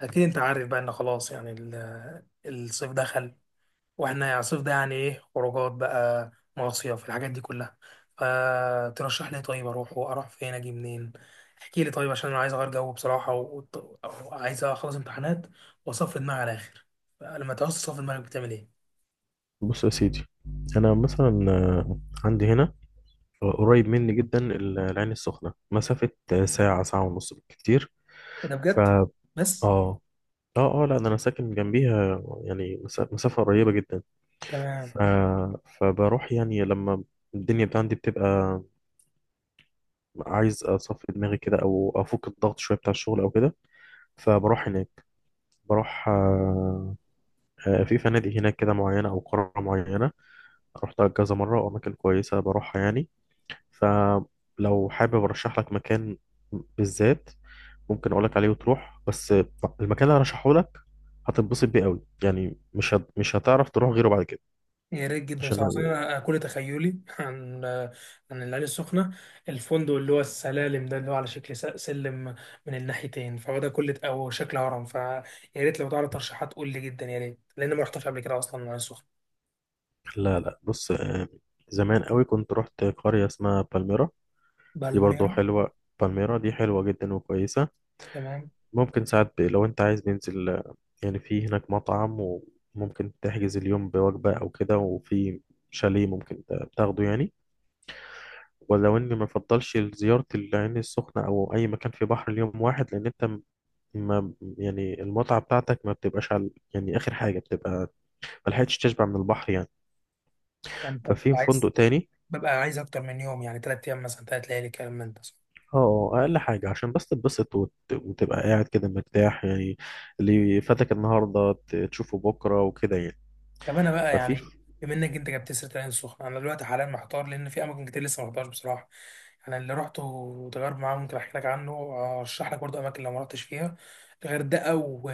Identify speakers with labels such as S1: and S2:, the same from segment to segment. S1: اكيد انت عارف بقى ان خلاص يعني الصيف دخل. واحنا يعني الصيف ده يعني ايه، خروجات بقى، مصيف، الحاجات دي كلها. فترشح لي إيه طيب، اروح واروح فين، اجي منين؟ احكي لي طيب، عشان انا عايز اغير جو بصراحه وعايز اخلص امتحانات واصفي دماغي على الاخر. لما تعوز تصفي دماغك بتعمل ايه؟
S2: بص يا سيدي، انا مثلا عندي هنا، قريب مني جدا العين السخنه، مسافه ساعه، ساعه ونص بالكتير.
S1: ايه ده
S2: ف
S1: بجد؟
S2: اه
S1: بس.
S2: اه اه لا ده انا ساكن جنبيها، يعني مسافه قريبه جدا.
S1: تمام.
S2: ف... فبروح يعني لما الدنيا بتاع عندي بتبقى عايز اصفي دماغي كده او افك الضغط شويه بتاع الشغل او كده، فبروح هناك. بروح آه، آه، في فنادق هناك كده معينه او قرى معينه، رحتها كذا مره، واماكن كويسه بروحها يعني. فلو حابب ارشح لك مكان بالذات ممكن اقول لك عليه وتروح، بس المكان اللي هرشحه لك هتنبسط بيه قوي، يعني مش هتعرف تروح غيره بعد كده
S1: يا ريت جدا بصراحة، أصل
S2: عشان.
S1: أنا كل تخيلي عن عن العين السخنة الفندق اللي هو السلالم ده، اللي هو على شكل سلم من الناحيتين، فهو ده كل أو شكل هرم. فيا ريت لو تعرف ترشيحات قول لي، جدا يا ريت، لأن ما رحتش قبل كده أصلا العين السخنة.
S2: لا لا بص، زمان قوي كنت رحت قرية اسمها بالميرا. دي برضو
S1: بالميرا.
S2: حلوة. بالميرا دي حلوة جدا وكويسة.
S1: تمام.
S2: ممكن ساعات لو انت عايز ننزل، يعني في هناك مطعم وممكن تحجز اليوم بوجبة او كده، وفي شاليه ممكن تاخده يعني. ولو اني ما افضلش زيارة العين السخنة او اي مكان في بحر اليوم واحد لان انت ما يعني المتعة بتاعتك ما بتبقاش على، يعني اخر حاجة بتبقى ما لحقتش تشبع من البحر يعني.
S1: أنت
S2: ففي
S1: بتبقى
S2: فندق
S1: عايز؟
S2: تاني.
S1: ببقى عايز أكتر من يوم، يعني تلات أيام مثلا، تلات ليالي، كلام من ده.
S2: اقل حاجة عشان بس تتبسط وتبقى قاعد كده مرتاح يعني، اللي فاتك النهاردة تشوفه بكرة وكده يعني.
S1: طب انا بقى
S2: ففي
S1: يعني،
S2: في
S1: بما انك انت جبت سيره العين السخنه، انا دلوقتي حاليا محتار، لان في اماكن كتير لسه ما رحتهاش بصراحه. يعني اللي رحته وتجارب معاه ممكن احكي لك عنه وارشح لك برضه اماكن لو ما رحتش فيها. الغردقه و...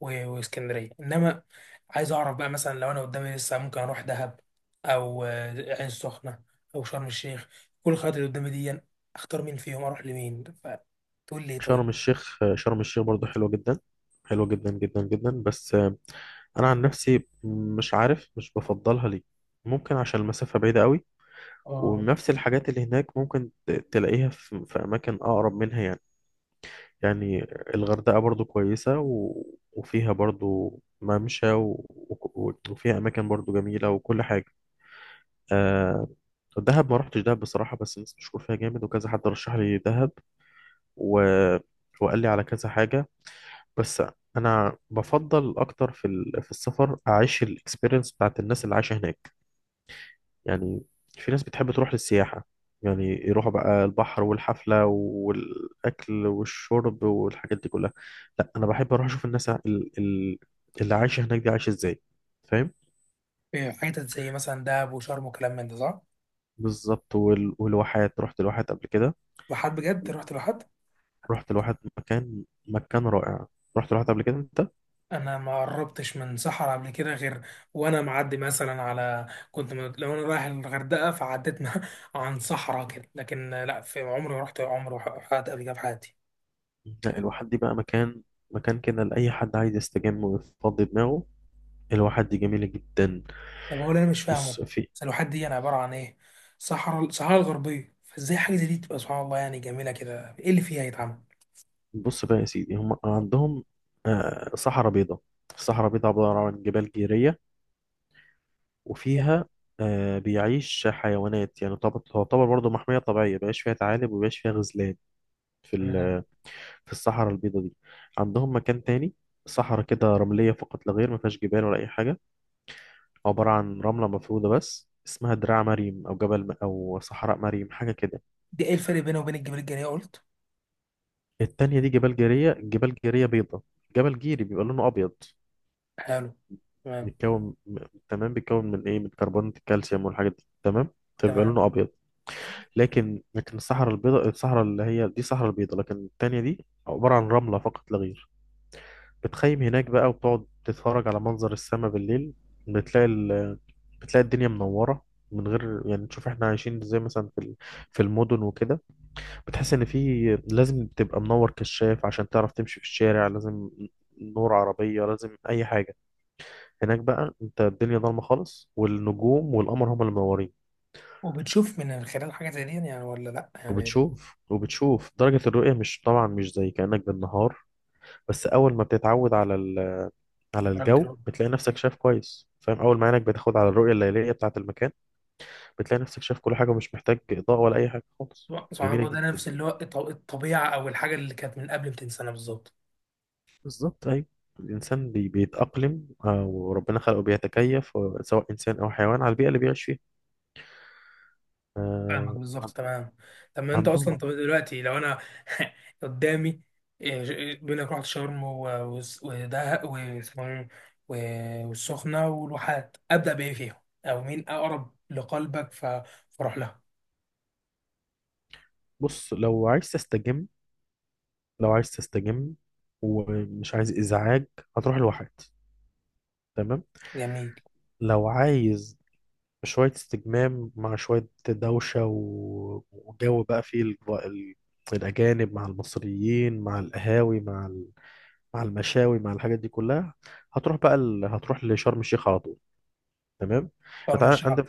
S1: و... واسكندريه، انما عايز اعرف بقى مثلا لو انا قدامي لسه ممكن اروح دهب، او العين السخنه، او شرم الشيخ. كل الخيارات اللي قدامي دي اختار مين فيهم، اروح لمين، فتقول لي إيه طيب؟
S2: شرم الشيخ. شرم الشيخ برضه حلوة جدا، حلوة جدا جدا جدا. بس انا عن نفسي مش عارف مش بفضلها ليه. ممكن عشان المسافة بعيدة قوي،
S1: اه.
S2: ونفس الحاجات اللي هناك ممكن تلاقيها في أماكن أقرب منها يعني يعني. الغردقة برضو كويسة، وفيها برضو ممشى، وفيها أماكن برضو جميلة وكل حاجة. آه... دهب، ما رحتش دهب بصراحة، بس الناس بتشكر فيها جامد وكذا حد رشح لي دهب، و... وقال لي على كذا حاجة. بس أنا بفضل أكتر في السفر أعيش الإكسبيرينس بتاعت الناس اللي عايشة هناك يعني. في ناس بتحب تروح للسياحة، يعني يروحوا بقى البحر والحفلة والأكل والشرب والحاجات دي كلها. لا أنا بحب أروح أشوف الناس اللي عايشة هناك دي عايشة إزاي، فاهم.
S1: إيه، حتت زي مثلا دهب وشرم وكلام من ده صح؟
S2: بالظبط، والواحات، رحت الواحات قبل كده.
S1: بحد بجد رحت بحد؟
S2: رحت الواحات مكان مكان رائع. رحت الواحات قبل كده أنت.
S1: انا ما قربتش من صحراء قبل كده غير وانا معدي مثلا على، كنت لو انا رايح الغردقه فعديت عن صحراء كده، لكن لا، في عمري ما رحت، عمري حد قبل كده في حياتي.
S2: لا الواحات دي بقى مكان، مكان كده لأي حد عايز يستجم ويفضي دماغه. الواحات دي جميلة جدا.
S1: طب هو اللي انا مش فاهمه
S2: بص في
S1: السلوحات دي انا، عباره عن ايه؟ صحراء، الصحراء الغربيه، فازاي حاجه زي دي تبقى سبحان الله يعني جميله كده، ايه اللي فيها يتعمل؟
S2: بص بقى يا سيدي، هم عندهم صحراء بيضاء. الصحراء بيضاء عبارة عن جبال جيرية، وفيها بيعيش حيوانات يعني تعتبر برضه محمية طبيعية، بيعيش فيها ثعالب وبيعيش فيها غزلان في
S1: تمام.
S2: ال- في الصحراء البيضاء دي. عندهم مكان تاني، صحراء كده رملية فقط لا غير، ما فيهاش جبال ولا أي حاجة، عبارة عن رملة مفرودة بس، اسمها دراع مريم أو أو صحراء مريم حاجة كده.
S1: دي ايه الفرق بينه وبين الجبال الجنيه قلت؟
S2: التانية دي جبال جيرية، جبال جيرية بيضاء. جبل جيري بيبقى لونه أبيض.
S1: حلو. تمام.
S2: بيتكون م- تمام، بيتكون من ايه، من كربونات الكالسيوم والحاجات دي، تمام، فبيبقى
S1: تمام.
S2: لونه ابيض. لكن الصحراء البيضاء، الصحراء اللي هي دي صحراء البيضاء، لكن التانية دي عبارة عن رملة فقط لا غير. بتخيم هناك بقى وبتقعد تتفرج على منظر السماء بالليل، بتلاقي ال... بتلاقي الدنيا منورة، من غير يعني تشوف احنا عايشين ازاي مثلا في المدن وكده. بتحس ان في لازم تبقى منور كشاف عشان تعرف تمشي في الشارع، لازم نور عربية، لازم اي حاجة. هناك بقى انت الدنيا ضلمه خالص، والنجوم والقمر هما اللي منورين.
S1: وبتشوف من خلال حاجه زي دي يعني ولا لا يعني؟
S2: وبتشوف درجه الرؤيه، مش طبعا مش زي كانك بالنهار، بس اول ما بتتعود على
S1: درجه
S2: الجو
S1: الرؤية.
S2: بتلاقي نفسك شايف كويس، فاهم، اول ما عينك بتاخد على الرؤيه الليليه بتاعه المكان بتلاقي نفسك شايف كل حاجه، ومش محتاج اضاءه ولا اي حاجه خالص،
S1: سبحان
S2: جميله
S1: الله، ده
S2: جدا.
S1: نفس اللي هو الطبيعه او الحاجه اللي كانت من قبل 200 سنه بالظبط.
S2: بالظبط ايوه. الانسان بيتاقلم، وربنا خلقه بيتكيف، سواء انسان او حيوان، على البيئه اللي بيعيش فيها.
S1: فاهمك
S2: آه،
S1: بالظبط، تمام. طب ما انت اصلا،
S2: عندهم.
S1: طب دلوقتي لو انا قدامي، إيه، إيه، بيقول لك رحت شرم ودهب واسمه إيه؟ والسخنه والواحات، ابدا بايه فيهم؟ او مين اقرب لقلبك ف- فاروح لها؟
S2: بص، لو عايز تستجم، لو عايز تستجم ومش عايز إزعاج، هتروح لواحد، تمام.
S1: جميل.
S2: لو عايز شوية استجمام مع شوية دوشة، وجو بقى فيه ال... الأجانب مع المصريين مع القهاوي مع المشاوي مع الحاجات دي كلها، هتروح لشرم الشيخ على طول، تمام.
S1: شرم الشيخ.
S2: عندك،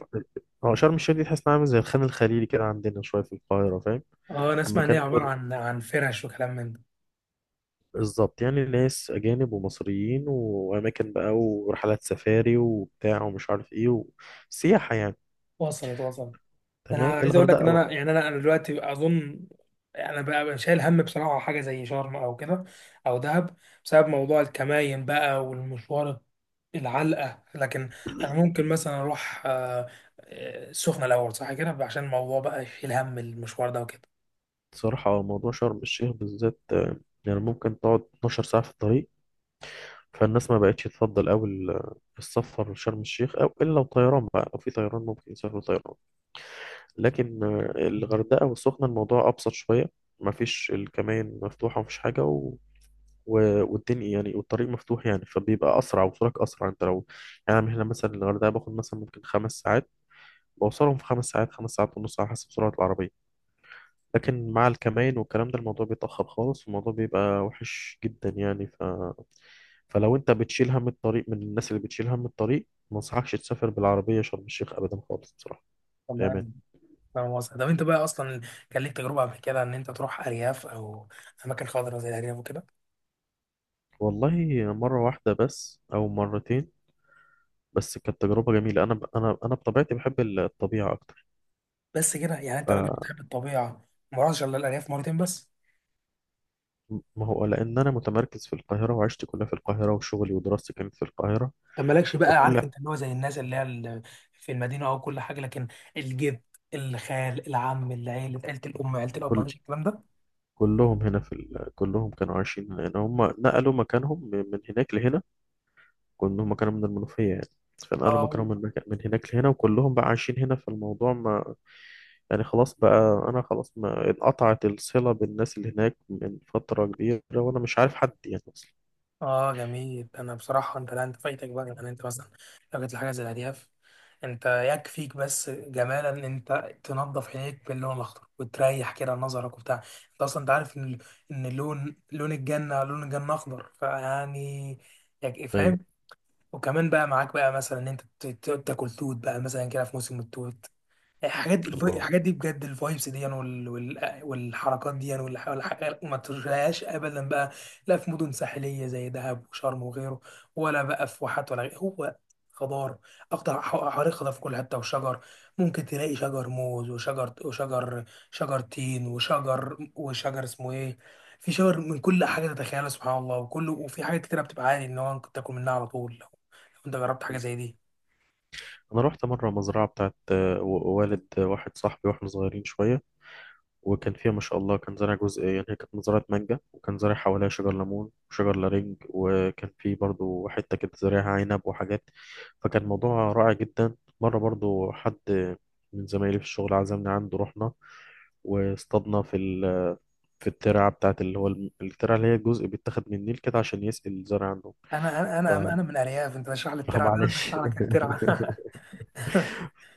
S2: هو شرم الشيخ دي تحس انها عامل زي الخان الخليلي كده عندنا شوية في القاهرة، فاهم.
S1: اه، انا اسمع ان هي
S2: المكان
S1: عباره عن عن فرش وكلام من ده.
S2: بالظبط، يعني ناس أجانب ومصريين وأماكن بقى ورحلات سفاري وبتاع ومش عارف إيه وسياحة يعني.
S1: وصلت، وصلت. انا
S2: تمام.
S1: عايز اقول لك ان
S2: الغردقة بقى،
S1: انا يعني، انا دلوقتي اظن انا بقى شايل هم بصراحه حاجه زي شرم او كده، او دهب، بسبب موضوع الكماين بقى والمشوار العلقه. لكن انا ممكن مثلا اروح السخنه الاول صح كده، عشان الموضوع بقى شيل هم المشوار ده وكده.
S2: بصراحة موضوع شرم الشيخ بالذات، يعني ممكن تقعد 12 ساعة في الطريق. فالناس ما بقتش تفضل أوي السفر لشرم الشيخ، أو إلا لو طيران بقى، لو في طيران ممكن يسافروا طيران. لكن
S1: مم.
S2: الغردقة والسخنة الموضوع أبسط شوية. مفيش، الكمائن مفتوحة ومفيش حاجة، والدنيا يعني، والطريق مفتوح يعني، فبيبقى اسرع وصولك اسرع، انت لو يعني. أنا من هنا مثلا الغردقه باخد مثلا ممكن خمس ساعات، بوصلهم في خمس ساعات، خمس ساعات ونص، على حسب سرعه العربيه. لكن مع الكمائن والكلام ده الموضوع بيتاخر خالص، والموضوع بيبقى وحش جدا يعني. فلو انت بتشيل هم الطريق، من الناس اللي بتشيل هم الطريق، ما انصحكش تسافر بالعربيه شرم الشيخ ابدا خالص بصراحه، بامان.
S1: تمام. فاهم قصدك. طب انت بقى اصلا كان ليك تجربه قبل كده ان انت تروح ارياف او اماكن خضراء زي الارياف وكده؟
S2: والله مره واحده بس او مرتين، بس كانت تجربه جميله. انا بطبيعتي بحب الطبيعه اكتر.
S1: بس كده يعني انت راجل بتحب الطبيعه، ما رحتش الا الارياف مرتين بس؟
S2: ما هو لأن أنا متمركز في القاهرة وعشت كلها في القاهرة، وشغلي ودراستي كانت في القاهرة.
S1: طب مالكش بقى،
S2: فكل
S1: عارف، انت اللي هو زي الناس اللي هي في المدينه او كل حاجه، لكن الجد، الخال، العم، العيله، عيله الام، عيله الاب،
S2: كل
S1: مالكش الكلام ده؟
S2: كلهم هنا كلهم كانوا عايشين هنا، لأن هم نقلوا مكانهم من هناك لهنا. كلهم هم كانوا من المنوفية يعني، فنقلوا
S1: اه.
S2: مكانهم من، من هناك لهنا، وكلهم بقى عايشين هنا. فالموضوع ما يعني، خلاص بقى، أنا خلاص ما انقطعت الصلة بالناس اللي هناك من فترة كبيرة، وأنا مش عارف حد يعني أصلا.
S1: اه جميل. انا بصراحه، انت، لا انت فايتك بقى، يعني انت مثلا لو جت لحاجه زي الهدياف، انت يكفيك بس جمالا ان انت تنظف عينيك باللون الاخضر وتريح كده نظرك وبتاع. انت اصلا انت عارف ان ان لون، لون الجنه، لون الجنه اخضر، فيعني، يعني
S2: أيوه.
S1: فاهم. وكمان بقى معاك بقى مثلا ان انت تاكل توت بقى مثلا كده في موسم التوت. الحاجات
S2: الله،
S1: الحاجات دي بجد، الفايبس دي يعني، والحركات دي ما تشوفهاش ابدا بقى، لا في مدن ساحليه زي دهب وشرم وغيره، ولا بقى في واحات ولا غيره. هو خضار، اخضر، حواليه خضار في كل حته وشجر. ممكن تلاقي شجر موز وشجر شجر تين وشجر اسمه ايه، في شجر من كل حاجه تتخيلها سبحان الله، وكله، وفي حاجات كتير بتبقى عادي ان هو ممكن تاكل منها على طول، لو لو انت جربت حاجه زي دي.
S2: أنا رحت مرة مزرعة بتاعت، والد واحد صاحبي، وإحنا صغيرين شوية، وكان فيها ما شاء الله كان زارع جزء، يعني هي كانت مزرعة مانجا، وكان زارع حواليها شجر ليمون وشجر لارنج، وكان في برضو حتة كده زارعها عنب وحاجات. فكان موضوع رائع جدا. مرة برضو حد من زمايلي في الشغل عزمنا عنده، رحنا واصطادنا في الترعة بتاعت اللي هو الترعة، اللي هي الجزء بيتاخد من النيل كده عشان يسقي الزرع عنده.
S1: انا
S2: ف...
S1: انا انا من ارياف، انت بشرح لي الترعه ده، انا
S2: معلش.
S1: بشرح لك الترعه.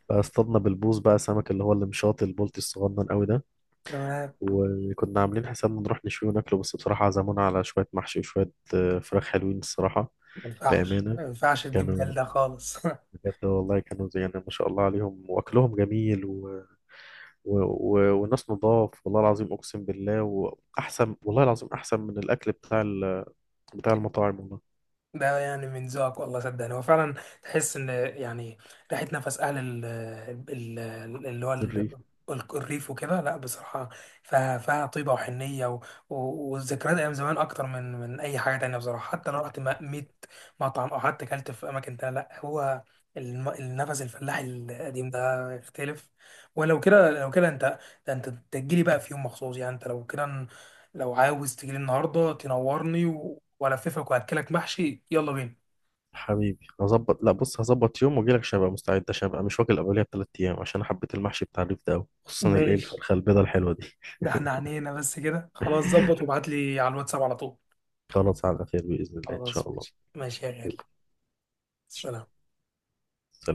S2: فاصطادنا بالبوص بقى سمك اللي هو المشاط البلطي الصغنن قوي ده.
S1: تمام.
S2: وكنا عاملين حسابنا نروح نشوي وناكله، بس بصراحة عزمونا على شوية محشي وشوية فراخ حلوين الصراحة.
S1: ما ينفعش،
S2: بأمانة،
S1: ما ينفعش تجيب
S2: كانوا،
S1: دلده خالص.
S2: بجد والله كانوا زي يعني ما شاء الله عليهم، وأكلهم جميل، والناس نضاف، والله العظيم أقسم بالله، وأحسن، والله العظيم أحسن من الأكل بتاع المطاعم والله.
S1: ده يعني من ذوقك، والله صدقني هو فعلا، تحس ان يعني ريحه نفس اهل ال، ال-، اللي هو ال-،
S2: الريف،
S1: الريف وكده، لا بصراحه، فيها فيها طيبه وحنيه و- و- والذكريات ايام زمان، اكتر من من اي حاجه تانية بصراحه. حتى لو رحت 100 مطعم او حتى اكلت في اماكن تانية، لا، هو النفس الفلاحي القديم ده يختلف. ولو كده، لو كده انت، ده انت تجيلي بقى في يوم مخصوص يعني. انت لو كده، لو عاوز تجيلي النهارده تنورني والففك واكلك محشي، يلا بينا.
S2: حبيبي، هظبط، لا بص، هظبط يوم واجيلك عشان ابقى مستعد، عشان ابقى مش واكل قبلها بثلاث ايام، عشان أنا حبيت المحشي بتاع الريف ده أوي. خصوصا الايه
S1: ماشي.
S2: الفرخه البيضه الحلوه دي.
S1: ده احنا عنينا بس كده، خلاص ظبط وابعت لي على الواتساب على طول.
S2: خلاص، على خير باذن الله ان
S1: خلاص
S2: شاء الله.
S1: ماشي ماشي يا غالي. سلام.